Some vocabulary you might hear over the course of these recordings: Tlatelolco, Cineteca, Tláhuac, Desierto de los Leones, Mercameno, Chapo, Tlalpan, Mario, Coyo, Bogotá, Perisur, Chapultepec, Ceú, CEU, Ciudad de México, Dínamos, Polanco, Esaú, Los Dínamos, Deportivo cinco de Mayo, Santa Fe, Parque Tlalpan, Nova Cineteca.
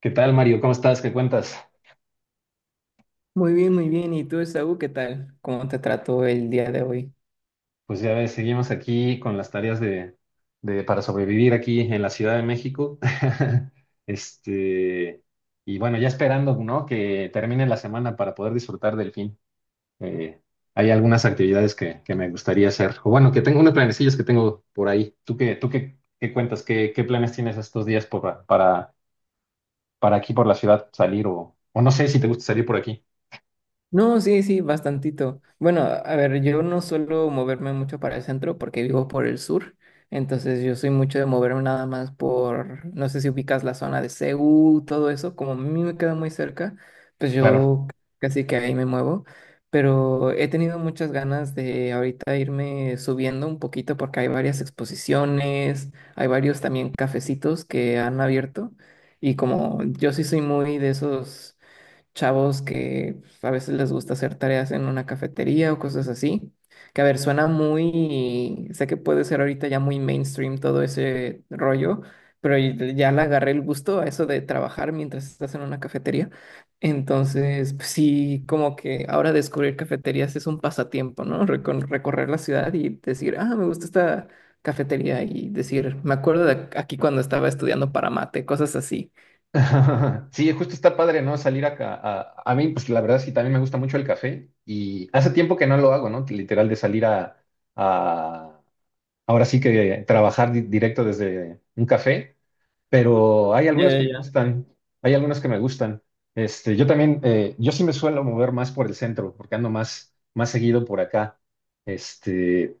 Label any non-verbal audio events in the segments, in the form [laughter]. ¿Qué tal, Mario? ¿Cómo estás? ¿Qué cuentas? Muy bien, muy bien. ¿Y tú, Esaú, qué tal? ¿Cómo te trató el día de hoy? Pues ya ves, seguimos aquí con las tareas de, para sobrevivir aquí en la Ciudad de México. [laughs] Este, y bueno, ya esperando, ¿no? Que termine la semana para poder disfrutar del fin. Eh, Hay algunas actividades que me gustaría hacer. O bueno, que tengo unos planecillos que tengo por ahí. ¿Tú qué, ¿qué cuentas? ¿Qué, qué planes tienes estos días por, para aquí por la ciudad salir o no sé si te gusta salir por aquí? No, sí, sí, bastantito. Bueno, a ver, yo no suelo moverme mucho para el centro porque vivo por el sur, entonces yo soy mucho de moverme nada más por, no sé si ubicas la zona de Ceú, todo eso, como a mí me queda muy cerca, pues Claro. yo casi que ahí me muevo, pero he tenido muchas ganas de ahorita irme subiendo un poquito porque hay varias exposiciones, hay varios también cafecitos que han abierto y como yo sí soy muy de esos chavos que a veces les gusta hacer tareas en una cafetería o cosas así. Que a ver, suena muy, sé que puede ser ahorita ya muy mainstream todo ese rollo, pero ya le agarré el gusto a eso de trabajar mientras estás en una cafetería. Entonces, pues sí, como que ahora descubrir cafeterías es un pasatiempo, ¿no? Recorrer la ciudad y decir, ah, me gusta esta cafetería y decir, me acuerdo de aquí cuando estaba estudiando para mate, cosas así. [laughs] Sí, justo está padre, ¿no? Salir acá. A mí, pues la verdad sí, también me gusta mucho el café y hace tiempo que no lo hago, ¿no? Literal de salir a, a- ahora sí que trabajar directo desde un café, pero hay algunos que me gustan, hay algunos que me gustan. Yo también, yo sí me suelo mover más por el centro, porque ando más, más seguido por acá. Este,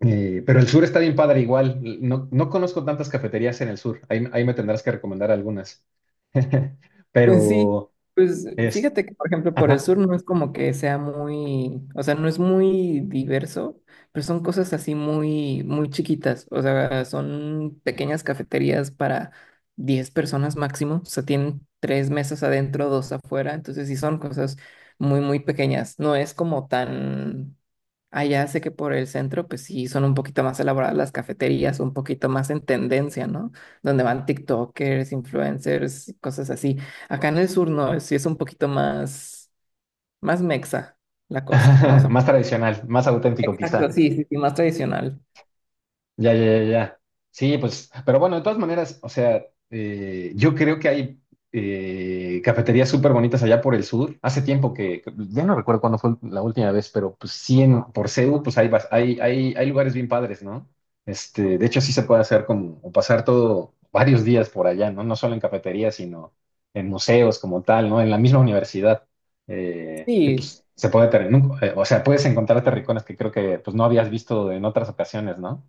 pero el sur está bien padre igual. No, no conozco tantas cafeterías en el sur. Ahí, ahí me tendrás que recomendar algunas. [laughs] [laughs] Sí, Pero pues es fíjate que, por ejemplo, por el ajá, sur no es como que sea muy, o sea, no es muy diverso, pero son cosas así muy, muy chiquitas, o sea, son pequeñas cafeterías para 10 personas máximo, o sea, tienen tres mesas adentro, dos afuera, entonces sí son cosas muy, muy pequeñas, no es como tan, allá sé que por el centro, pues sí, son un poquito más elaboradas las cafeterías, un poquito más en tendencia, ¿no? Donde van TikTokers, influencers, cosas así. Acá en el sur no, sí es un poquito más, más mexa la cosa. Vamos [laughs] a más poner. tradicional, más auténtico Exacto, quizá. sí, sí, sí, más tradicional. Ya, ya, ya, ya. Sí, pues, pero bueno, de todas maneras, o sea, yo creo que hay cafeterías súper bonitas allá por el sur. Hace tiempo que, ya no recuerdo cuándo fue la última vez, pero pues sí, en, por CEU, pues hay, hay, hay, hay lugares bien padres, ¿no? De hecho, sí se puede hacer como o pasar todo varios días por allá, ¿no? No solo en cafeterías, sino en museos como tal, ¿no? En la misma universidad, que Sí, pues se puede tener, o sea, puedes encontrar terricones que creo que pues no habías visto en otras ocasiones, ¿no?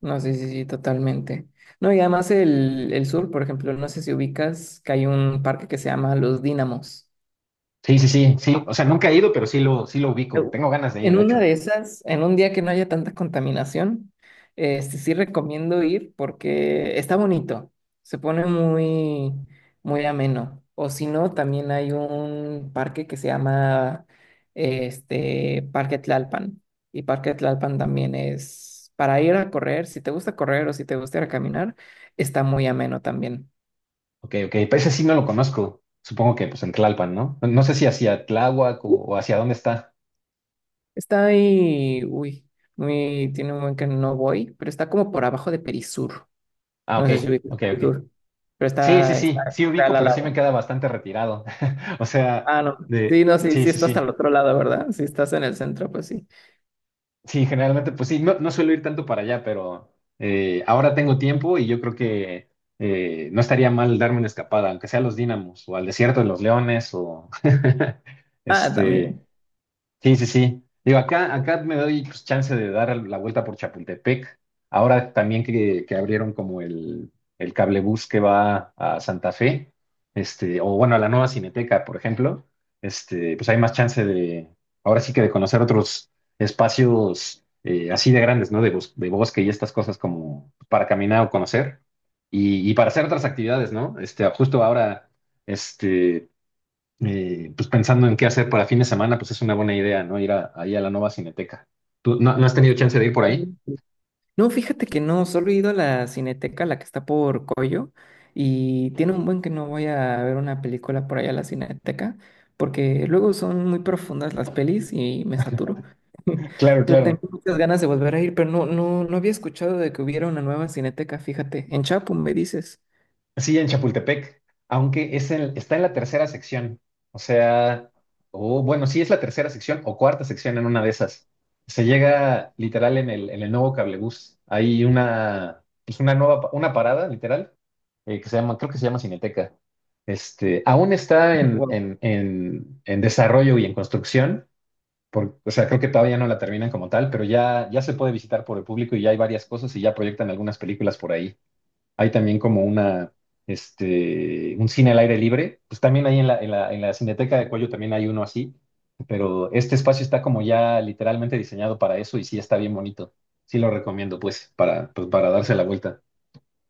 no, sí, sí, sí, totalmente. No, y además el sur, por ejemplo, no sé si ubicas que hay un parque que se llama Los Dínamos. Sí, sí, sí, sí. O sea, nunca he ido, pero sí lo ubico. Tengo ganas de ir, En de una hecho. de esas, en un día que no haya tanta contaminación, sí recomiendo ir porque está bonito, se pone muy, muy ameno. O si no, también hay un parque que se llama Parque Tlalpan. Y Parque Tlalpan también es para ir a correr, si te gusta correr o si te gusta ir a caminar, está muy ameno también. Ok, ok. Pues ese sí no lo conozco. Supongo que pues en Tlalpan, ¿no? No, no sé si hacia Tláhuac o hacia dónde está. Está ahí, uy, muy, tiene un buen que no voy, pero está como por abajo de Perisur. Ah, No ok, sé si ubicas ok, el ok. tour, pero Sí, sí, está, está, sí, sí está ubico, al pero sí me lado. queda bastante retirado. [laughs] O sea, Ah, no. de... Sí, no, sí, Sí, sí, sí, está hasta el sí. otro lado, ¿verdad? Si estás en el centro, pues sí. Sí, generalmente, pues sí, no, no suelo ir tanto para allá, pero ahora tengo tiempo y yo creo que no estaría mal darme una escapada, aunque sea a los Dínamos o al Desierto de los Leones o... [laughs] Ah, Este, también. sí, sí, sí. Digo, acá, acá me doy pues, chance de dar la vuelta por Chapultepec. Ahora también que abrieron como el cablebús que va a Santa Fe, o bueno, a la nueva Cineteca, por ejemplo, pues hay más chance de, ahora sí que de conocer otros espacios así de grandes, ¿no? De, de bosque y estas cosas como para caminar o conocer y para hacer otras actividades, ¿no? Justo ahora, este, pues pensando en qué hacer para fin de semana, pues es una buena idea, ¿no? Ahí a la Nova Cineteca. ¿Tú no, no has tenido chance de ir por ahí? No, fíjate que no, solo he ido a la Cineteca, la que está por Coyo, y tiene un buen que no voy a ver una película por allá a la Cineteca, porque luego son muy profundas las pelis y me saturo. [laughs] Claro, Pero claro. tengo muchas ganas de volver a ir, pero no, no, no había escuchado de que hubiera una nueva Cineteca, fíjate. En Chapo, me dices. Sí, en Chapultepec, aunque está en la tercera sección. O sea, o bueno, sí es la tercera sección o cuarta sección en una de esas. Se llega literal en el nuevo cablebús. Hay una, pues una nueva, una parada, literal, que se llama, creo que se llama Cineteca. Aún está [laughs] en desarrollo y en construcción, o sea, creo que todavía no la terminan como tal, pero ya, ya se puede visitar por el público y ya hay varias cosas y ya proyectan algunas películas por ahí. Hay también como una, un cine al aire libre. Pues también ahí en la Cineteca de Cuello también hay uno así, pero este espacio está como ya literalmente diseñado para eso y sí está bien bonito. Sí lo recomiendo, pues, para, pues, para darse la vuelta.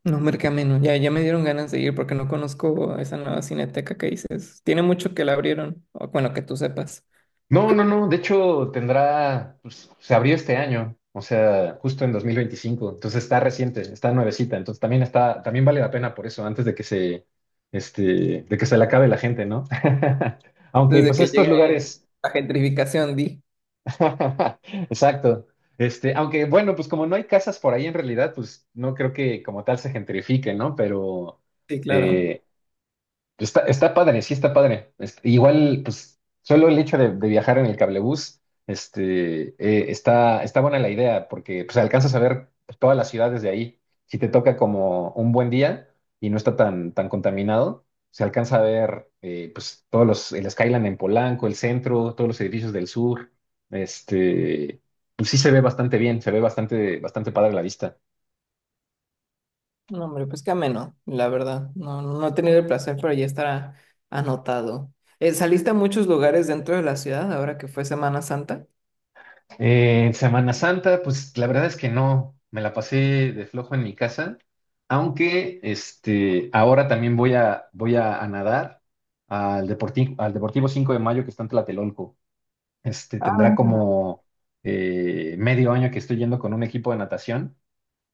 No, Mercameno, ya, ya me dieron ganas de ir porque no conozco esa nueva cineteca que dices. Tiene mucho que la abrieron, o bueno, que tú sepas. No, no, no. De hecho, tendrá, pues, se abrió este año, o sea, justo en 2025. Entonces está reciente, está nuevecita. Entonces también está, también vale la pena por eso, antes de que se, este, de que se le acabe la gente, ¿no? [laughs] Aunque, Desde pues que estos llegue lugares, la gentrificación, di. [laughs] exacto. Aunque, bueno, pues como no hay casas por ahí en realidad, pues no creo que como tal se gentrifique, ¿no? Pero, Sí, claro. eh, está, está padre, sí está padre. Igual, pues, solo el hecho de viajar en el cablebús, está, está buena la idea, porque pues alcanzas a ver pues, todas las ciudades de ahí. Si te toca como un buen día y no está tan, tan contaminado, se alcanza a ver pues todos los, el Skyline en Polanco, el centro, todos los edificios del sur. Este, pues sí se ve bastante bien, se ve bastante, bastante padre la vista. No, hombre, pues qué ameno, la verdad. No, no he tenido el placer, pero ya estará anotado. ¿Saliste a muchos lugares dentro de la ciudad ahora que fue Semana Santa? Semana Santa, pues la verdad es que no, me la pasé de flojo en mi casa, aunque ahora también voy a, voy a nadar al Deportivo cinco de Mayo que está en Tlatelolco. Tendrá Ah, como medio año que estoy yendo con un equipo de natación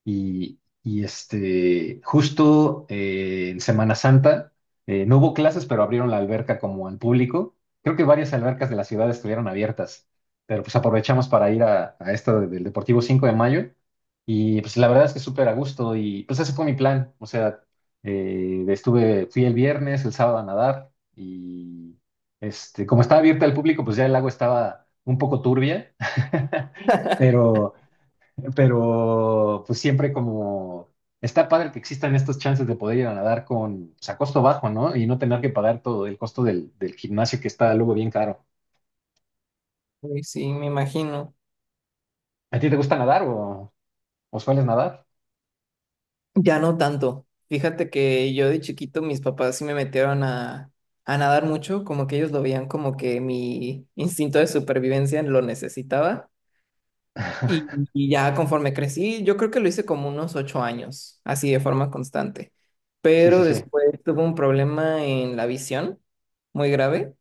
y, justo en Semana Santa, no hubo clases, pero abrieron la alberca como al público. Creo que varias albercas de la ciudad estuvieron abiertas, pero pues aprovechamos para ir a esta del Deportivo cinco de Mayo. Y pues la verdad es que súper a gusto y pues ese fue mi plan. O sea, estuve, fui el viernes, el sábado a nadar y como estaba abierta al público, pues ya el lago estaba un poco turbia, [laughs] pero pero pues siempre como está padre que existan estos chances de poder ir a nadar con, pues, a costo bajo, ¿no? Y no tener que pagar todo el costo del, del gimnasio que está luego bien caro. uy, sí, me imagino. ¿A ti te gusta nadar o sueles nadar? Ya no tanto. Fíjate que yo de chiquito mis papás sí me metieron a nadar mucho, como que ellos lo veían como que mi instinto de supervivencia lo necesitaba. Y, [laughs] y ya conforme crecí, yo creo que lo hice como unos 8 años, así de forma constante. Sí, sí, Pero sí. después tuve un problema en la visión muy grave.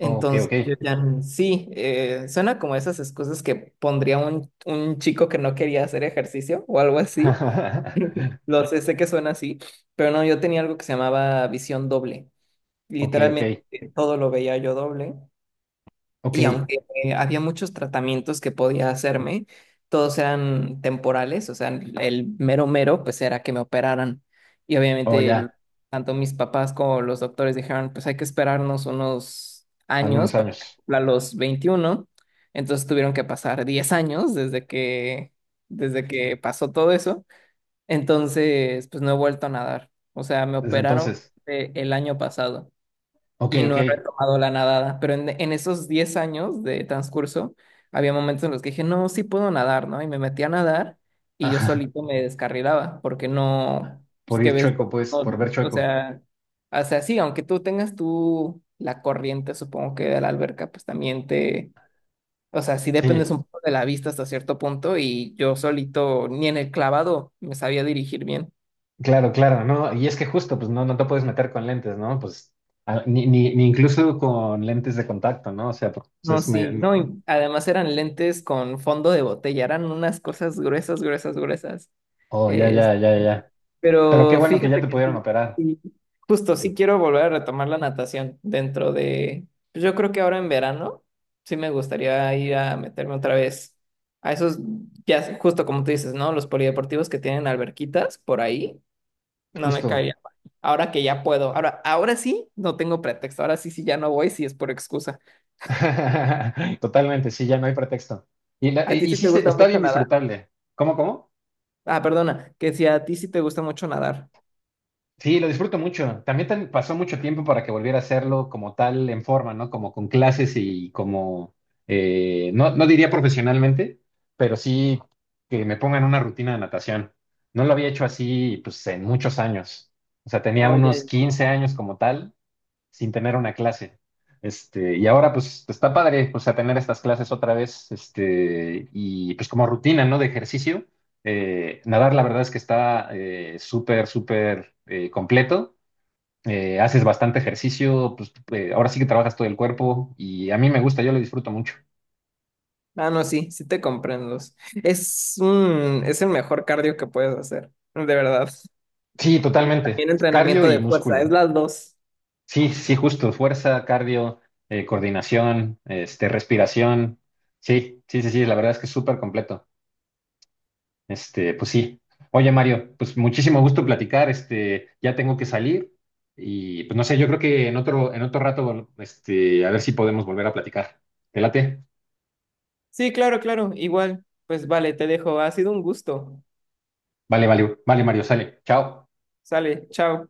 Ok, ok. yo ya sí, suena como esas excusas que pondría un chico que no quería hacer ejercicio o algo así. [laughs] Lo sé, sé que suena así, pero no, yo tenía algo que se llamaba visión doble. Ok, ok, Literalmente todo lo veía yo doble. ok. Y aunque había muchos tratamientos que podía hacerme, todos eran temporales, o sea, el mero mero, pues era que me operaran. Y Oh, obviamente ya, tanto mis papás como los doctores dijeron, pues hay que esperarnos unos años algunos para que años. cumpla los 21. Entonces tuvieron que pasar 10 años desde que pasó todo eso. Entonces, pues no he vuelto a nadar. O sea, me Desde operaron entonces. El año pasado Ok, y ok. no he retomado la nadada. Pero en esos 10 años de transcurso, había momentos en los que dije, no, sí puedo nadar, ¿no? Y me metí a nadar y yo solito [laughs] me descarrilaba porque no, Por pues que ir ves, chueco, pues, por no, ver o chueco. sea, o sea, sí, aunque tú tengas tú la corriente, supongo que de la alberca, pues también te, o sea, sí dependes Sí. un poco de la vista hasta cierto punto y yo solito ni en el clavado me sabía dirigir bien. Claro, claro, ¿no? Y es que justo, pues no, no te puedes meter con lentes, ¿no? Pues ni, ni, ni incluso con lentes de contacto, ¿no? O sea, pues No, es... sí, Me... no, y además eran lentes con fondo de botella, eran unas cosas gruesas, gruesas, gruesas. Oh, ya, Este, ya, ya, ya. Pero qué pero bueno que ya fíjate te que pudieron sí, operar, sí, justo sí quiero volver a retomar la natación dentro de, pues yo creo que ahora en verano, sí me gustaría ir a meterme otra vez a esos, justo como tú dices, ¿no? Los polideportivos que tienen alberquitas por ahí, no me justo. caería mal. Ahora que ya puedo, ahora, ahora sí, no tengo pretexto, ahora sí, sí, ya no voy, si es por excusa. [laughs] Totalmente, sí, ya no hay pretexto. ¿A ti Y sí sí, te gusta está mucho bien nadar? disfrutable. ¿Cómo, cómo? Ah, perdona, que si a ti sí te gusta mucho nadar. Sí, lo disfruto mucho. También pasó mucho tiempo para que volviera a hacerlo como tal en forma, ¿no? Como con clases y como, no, no diría profesionalmente, pero sí que me pongan una rutina de natación. No lo había hecho así, pues, en muchos años. O sea, tenía unos Oye, 15 años como tal sin tener una clase. Y ahora pues está padre, pues a tener estas clases otra vez, y pues como rutina, ¿no? De ejercicio. Nadar la verdad es que está súper, súper completo. Haces bastante ejercicio, pues ahora sí que trabajas todo el cuerpo y a mí me gusta, yo lo disfruto mucho. ah, no, sí, sí te comprendo. Es es el mejor cardio que puedes hacer, de verdad. Sí, Y totalmente. también Cardio entrenamiento y de fuerza, es músculo. las dos. Sí, sí, justo. Fuerza, cardio, coordinación, respiración. Sí, sí, sí, sí, la verdad es que es súper completo. Pues sí. Oye, Mario, pues muchísimo gusto platicar. Ya tengo que salir y pues no sé, yo creo que en otro rato, a ver si podemos volver a platicar. ¿Te late? Sí, claro, claro, igual. Pues vale, te dejo. Ha sido un gusto. Vale, vale, vale, Mario, sale. Chao. Sale, chao.